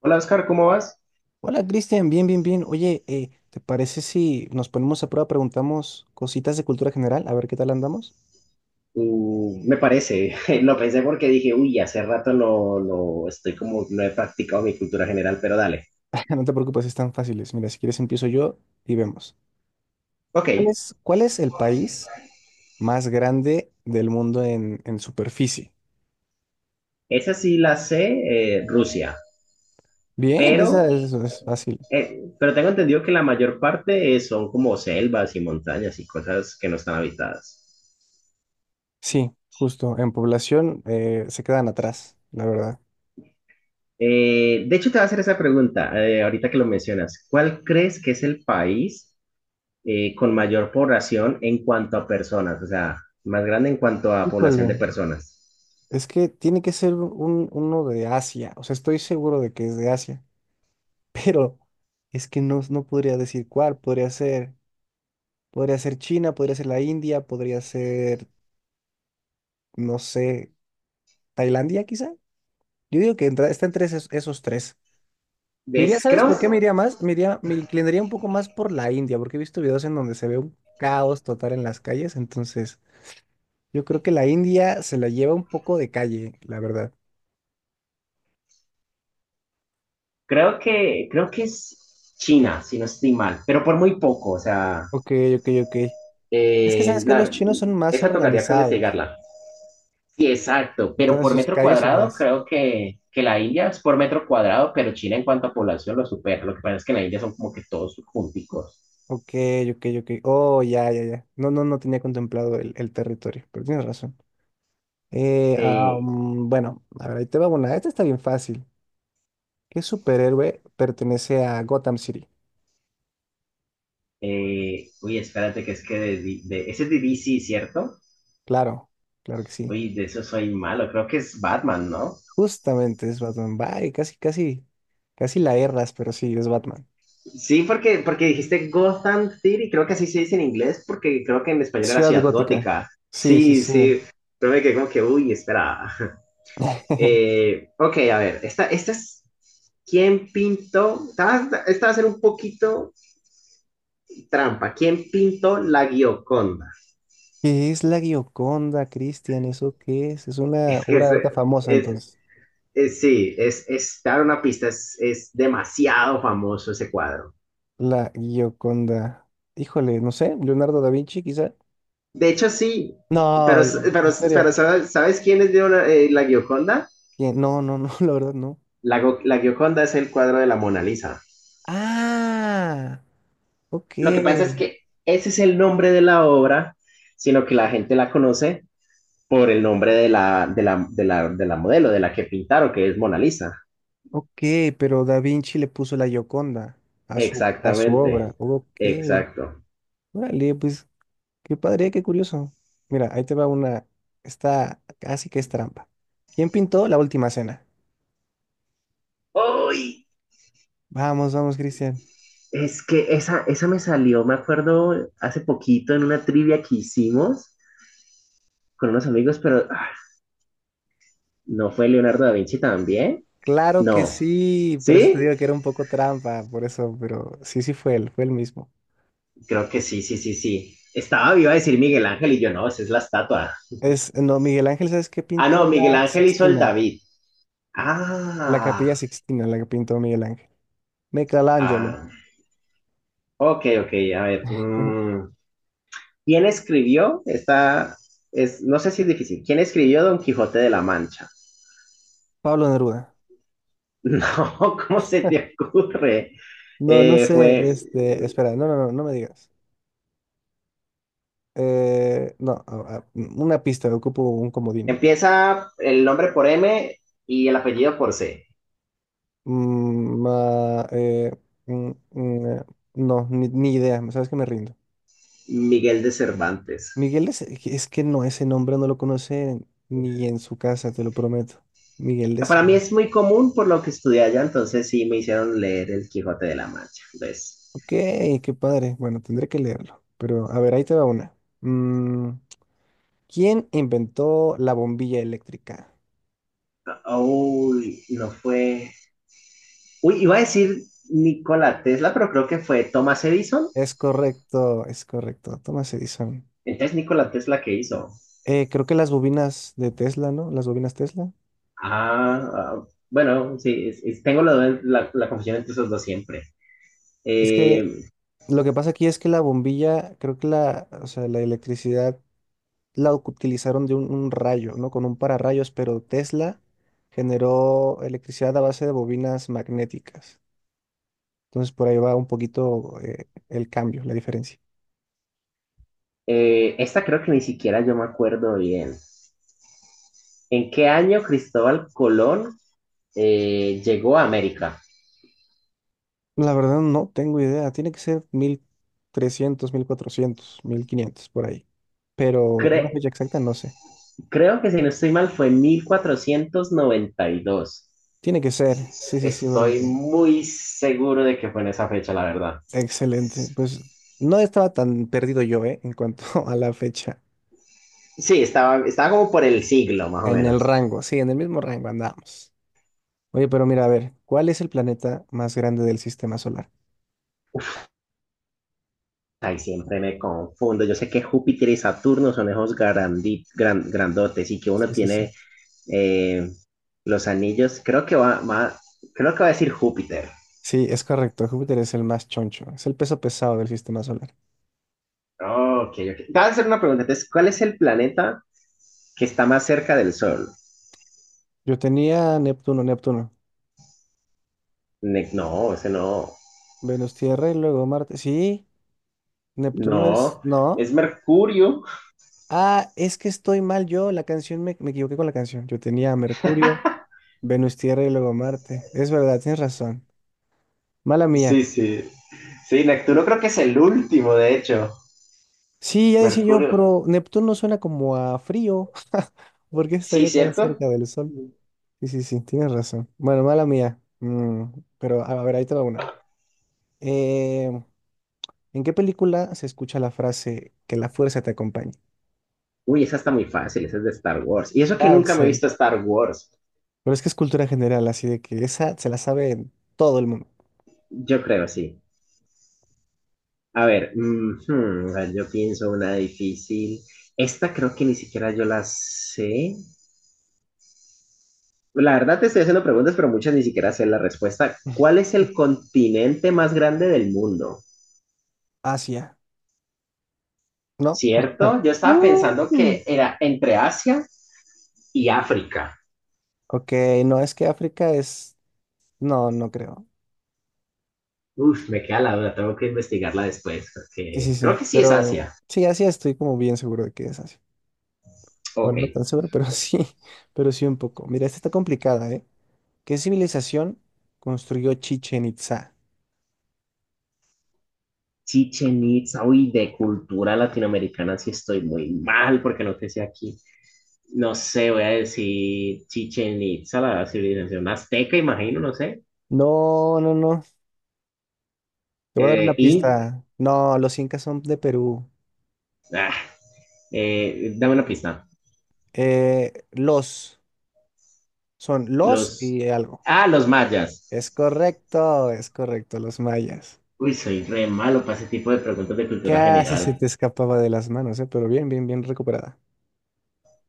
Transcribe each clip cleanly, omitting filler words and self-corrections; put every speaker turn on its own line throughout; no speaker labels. Hola Oscar, ¿cómo vas?
Hola Cristian, bien, bien, bien. Oye, ¿te parece si nos ponemos a prueba, preguntamos cositas de cultura general, a ver qué tal andamos?
Me parece, lo pensé porque dije, uy, hace rato no, no estoy como, no he practicado mi cultura general, pero dale.
No te preocupes, están fáciles. Mira, si quieres empiezo yo y vemos.
Ok,
¿Cuál es el país más grande del mundo en superficie?
esa sí la sé, Rusia,
Bien,
pero,
es fácil.
pero tengo entendido que la mayor parte son como selvas y montañas y cosas que no están habitadas.
Sí, justo, en población se quedan atrás, la verdad.
De hecho, te voy a hacer esa pregunta, ahorita que lo mencionas. ¿Cuál crees que es el país con mayor población en cuanto a personas? O sea, más grande en cuanto a población de
Híjole,
personas.
es que tiene que ser uno de Asia, o sea, estoy seguro de que es de Asia. Pero es que no podría decir cuál. Podría ser China, podría ser la India, podría ser, no sé, Tailandia quizá. Yo digo que está entre esos, esos tres. Me iría,
Es,
¿sabes por qué me
creo,
iría más? Me iría, me inclinaría un poco más por la India, porque he visto videos en donde se ve un caos total en las calles. Entonces, yo creo que la India se la lleva un poco de calle, la verdad.
creo que es China, si no estoy mal, pero por muy poco, o sea,
Ok, ok, ok. Es que
eh,
sabes que los
la-
chinos son más
esa tocaría creo
organizados,
investigarla. Sí, exacto, pero
entonces
por
sus
metro
calles son
cuadrado
más.
creo que la India es por metro cuadrado, pero China en cuanto a población lo supera. Lo que pasa es que en la India son como que todos junticos.
Ok, ok, ok. Oh, ya, ya, ya. No, no, no tenía contemplado el territorio, pero tienes razón.
Eh,
Bueno, a ver, ahí te va una. Esta está bien fácil. ¿Qué superhéroe pertenece a Gotham City?
Uy, espérate, que es que ese es de DC, ¿cierto?
Claro, claro que sí.
Uy, de eso soy malo, creo que es Batman, ¿no?
Justamente es Batman. Bye, casi, casi, casi la erras, pero sí, es Batman.
Sí, porque dijiste Gotham City, creo que así se dice en inglés, porque creo que en español era
Ciudad
Ciudad
Gótica.
Gótica.
Sí, sí,
Sí,
sí.
sí, pero me quedé como que, uy, espera. Ok, a ver, esta es, ¿quién pintó? Esta va a ser un poquito trampa. ¿Quién pintó la Gioconda?
¿Qué es la Gioconda, Cristian? ¿Eso qué es? Es una
Es que
obra de arte famosa,
es,
entonces.
es- Sí, es dar una pista, es demasiado famoso ese cuadro.
La Gioconda. Híjole, no sé, Leonardo da Vinci, quizá.
De hecho, sí,
No,
pero, pero,
en
pero
serio.
¿sabes quiénes dieron la Gioconda?
¿Quién? No, no, no, la verdad no.
La Gioconda es el cuadro de la Mona Lisa.
Ah, ok,
Lo que pasa es que ese es el nombre de la obra, sino que la gente la conoce por el nombre de la modelo, de la que pintaron, que es Mona Lisa.
ok, pero Da Vinci le puso la Gioconda a a su obra.
Exactamente,
Ok,
exacto.
órale, pues qué padre, qué curioso. Mira, ahí te va una, está casi que es trampa. ¿Quién pintó la última cena?
¡Uy!
Vamos, vamos, Cristian.
Es que esa me salió, me acuerdo, hace poquito en una trivia que hicimos con unos amigos, pero ah, ¿no fue Leonardo da Vinci también?
Claro que
No.
sí, por eso te
¿Sí?
digo que era un poco trampa, por eso, pero sí, sí fue él mismo.
Creo que sí, sí, sí, sí. Estaba viva a decir Miguel Ángel y yo no, esa es la estatua.
No, Miguel Ángel, ¿sabes qué
Ah,
pintó?
no, Miguel
La
Ángel hizo el
Sixtina,
David.
la
Ah,
Capilla Sixtina, la que pintó Miguel Ángel. Michelangelo,
ah. Ok, ok, a ver.
ujú.
¿Quién escribió esta? No sé si es difícil. ¿Quién escribió Don Quijote de la Mancha?
Pablo Neruda.
No, ¿cómo se te ocurre?
No, no
Fue.
sé, este, espera, no, no, no, no me digas. No, una pista, ocupo un comodín.
Empieza el nombre por M y el apellido por C.
Mm, ma- eh, mm, mm, eh, no, ni idea, ¿sabes que me rindo?
Miguel de Cervantes.
Es que no, ese nombre no lo conoce ni en su casa, te lo prometo. Miguel de
Para mí es muy común por lo que estudié allá, entonces sí me hicieron leer El Quijote de la Mancha. Entonces,
Ok, qué padre. Bueno, tendré que leerlo. Pero a ver, ahí te va una. Mm, ¿quién inventó la bombilla eléctrica?
uy, no fue. Uy, iba a decir Nikola Tesla, pero creo que fue Thomas Edison.
Es correcto, es correcto. Thomas Edison.
Entonces, Nikola Tesla que hizo.
Creo que las bobinas de Tesla, ¿no? Las bobinas Tesla.
Ah, ah, bueno, sí, tengo la confusión entre esos dos siempre.
Es que
Eh,
lo que pasa aquí es que la bombilla, creo que la, o sea, la electricidad la utilizaron de un rayo, ¿no? Con un pararrayos, pero Tesla generó electricidad a base de bobinas magnéticas. Entonces por ahí va un poquito el cambio, la diferencia.
Esta creo que ni siquiera yo me acuerdo bien. ¿En qué año Cristóbal Colón llegó a América?
La verdad no tengo idea. Tiene que ser mil trescientos, mil cuatrocientos, mil quinientos por ahí. Pero una fecha
Cre-
exacta no sé.
creo que si no estoy mal fue 1492.
Tiene que ser. Sí, sí, sí,
Estoy
porque...
muy seguro de que fue en esa fecha, la verdad.
Excelente. Pues no estaba tan perdido yo, ¿eh? En cuanto a la fecha.
Sí, estaba como por el siglo, más o
En el
menos.
rango, sí, en el mismo rango andamos. Oye, pero mira, a ver, ¿cuál es el planeta más grande del sistema solar?
Ay, siempre me confundo. Yo sé que Júpiter y Saturno son esos grandotes y que uno
Sí, sí, sí.
tiene eh, los anillos. Creo que va a decir Júpiter.
Sí, es correcto. Júpiter es el más choncho. Es el peso pesado del sistema solar.
Ok, ok. Te voy a hacer una pregunta. Entonces, ¿cuál es el planeta que está más cerca del Sol?
Neptuno.
No, ese no.
Venus, Tierra y luego Marte. Sí.
No,
No.
es Mercurio.
Ah, es que estoy mal yo. Me equivoqué con la canción. Yo tenía Mercurio, Venus, Tierra y luego Marte. Es verdad, tienes razón. Mala mía.
Sí, sí. Sí, Neptuno creo que es el último, de hecho.
Sí, ya decía yo,
Mercurio.
pero Neptuno suena como a frío. ¿Por qué
Sí,
estaría tan
¿cierto?
cerca del Sol? Sí, sí, sí, tienes razón. Bueno, mala mía. Mm, pero a ver, ahí te va una. Eh, ¿En qué película se escucha la frase que la fuerza te acompañe?
Uy, esa está muy fácil, esa es de Star Wars. Y eso que nunca me he
Axel.
visto Star Wars.
Pero es que es cultura general, así de que esa se la sabe todo el mundo.
Yo creo, sí. A ver, a ver, yo pienso una difícil. Esta creo que ni siquiera yo la sé. La verdad te estoy haciendo preguntas, pero muchas ni siquiera sé la respuesta. ¿Cuál es el continente más grande del mundo?
Asia, ¿no?
¿Cierto? Yo estaba pensando
Mm.
que era entre Asia y África.
Ok, no, es que África es... No, no creo.
Uf, me queda la duda, tengo que investigarla después,
Sí,
porque
sí, sí,
creo que sí es
pero
Asia.
sí, Asia estoy como bien seguro de que es Asia.
Ok.
Bueno, no tan seguro, pero sí, pero sí un poco. Mira, esta está complicada, ¿eh? ¿Qué civilización construyó Chichen Itzá?
Chichen Itza, uy, de cultura latinoamericana sí estoy muy mal porque no te sé aquí. No sé, voy a decir Chichen Itza, la civilización azteca, imagino, no sé.
No, no, no. Te voy a dar una
Eh, in-
pista. No, los incas son de Perú.
ah, Dame una pista.
Eh, los, Son los
Los,
y algo.
los mayas.
Es correcto, los mayas.
Uy, soy re malo para ese tipo de preguntas de cultura
Casi se
general.
te escapaba de las manos, ¿eh? Pero bien, bien, bien recuperada.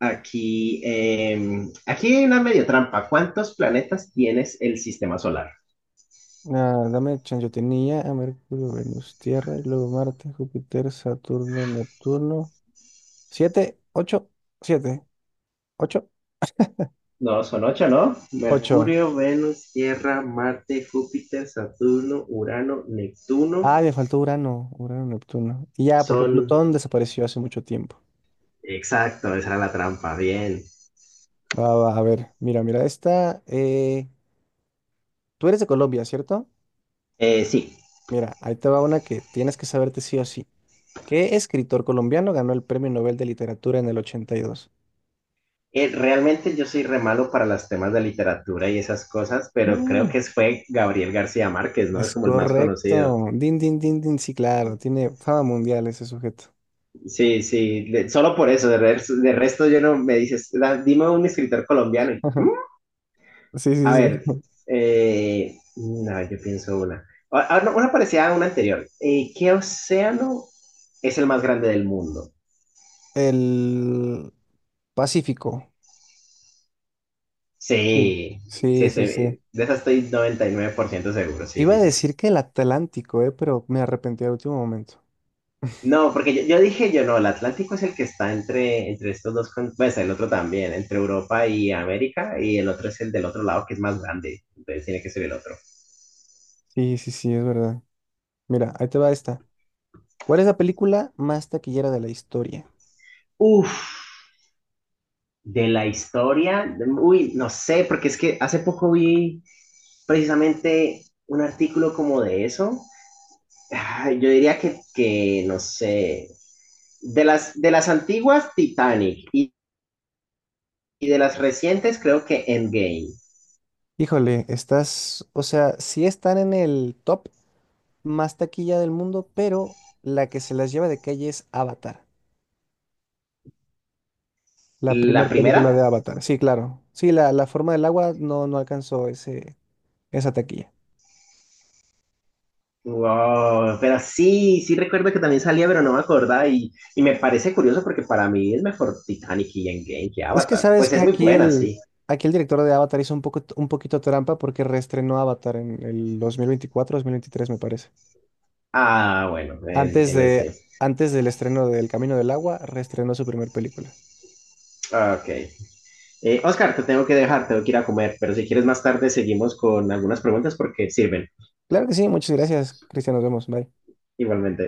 Aquí hay una media trampa. ¿Cuántos planetas tienes el sistema solar?
Ah, dame chance. Yo tenía a Mercurio, Venus, Tierra, y luego Marte, Júpiter, Saturno, Neptuno. Siete, ocho, siete, ocho,
No, son ocho, ¿no?
ocho.
Mercurio, Venus, Tierra, Marte, Júpiter, Saturno, Urano, Neptuno.
Ah, me faltó Urano, Urano, Neptuno. Y ya, porque
Son...
Plutón desapareció hace mucho tiempo.
Exacto, esa era la trampa. Bien.
Va, va, a ver, mira, mira, esta. Tú eres de Colombia, ¿cierto?
Sí,
Mira, ahí te va una que tienes que saberte sí o sí. ¿Qué escritor colombiano ganó el Premio Nobel de Literatura en el
Realmente yo soy re malo para los temas de literatura y esas cosas, pero creo
82?
que fue Gabriel García Márquez, ¿no? Es
Es
como el más conocido.
correcto. Din, din, din, din. Sí, claro. Tiene fama mundial ese sujeto.
Sí, sí, solo por eso, de resto yo no me dices, "Da- dime un escritor colombiano y, "Mm,
Sí,
A
sí,
ver,
sí.
no, yo pienso una. Ah, ah, no, una parecida a una anterior. ¿Qué océano es el más grande del mundo?
El Pacífico. Sí.
Sí, sí,
Sí, sí, sí.
de esa estoy 99% seguro, sí,
Iba a
sí, sí.
decir que el Atlántico, pero me arrepentí al último momento.
No, porque yo dije yo no, el Atlántico es el que está entre estos dos, pues el otro también, entre Europa y América, y el otro es el del otro lado que es más grande, entonces tiene que ser el otro.
Sí, sí, sí, es verdad. Mira, ahí te va esta. ¿Cuál es la película más taquillera de la historia?
Uf, de la historia, uy, no sé, porque es que hace poco vi precisamente un artículo como de eso. Ah, yo diría que, no sé, de las antiguas Titanic y de las recientes creo que Endgame.
Híjole, estás, o sea, sí están en el top más taquilla del mundo, pero la que se las lleva de calle es Avatar. La primera
La
película
primera,
de Avatar, sí, claro. Sí, la forma del agua no, no alcanzó esa taquilla.
wow, pero sí, sí recuerdo que también salía, pero no me acordaba y me parece curioso porque para mí es mejor Titanic y Endgame que
Es que
Avatar.
sabes
Pues
que
es muy buena, sí.
aquí el director de Avatar hizo un poco, un poquito trampa porque reestrenó Avatar en el 2024, 2023 me parece.
Ah, bueno, en,
Antes
en
de,
ese.
antes del estreno del Camino del Agua, reestrenó su primer película.
Ah, ok. Oscar, te tengo que dejar, tengo que ir a comer, pero si quieres más tarde seguimos con algunas preguntas porque sirven.
Claro que sí, muchas gracias, Cristian, nos vemos, bye.
Igualmente.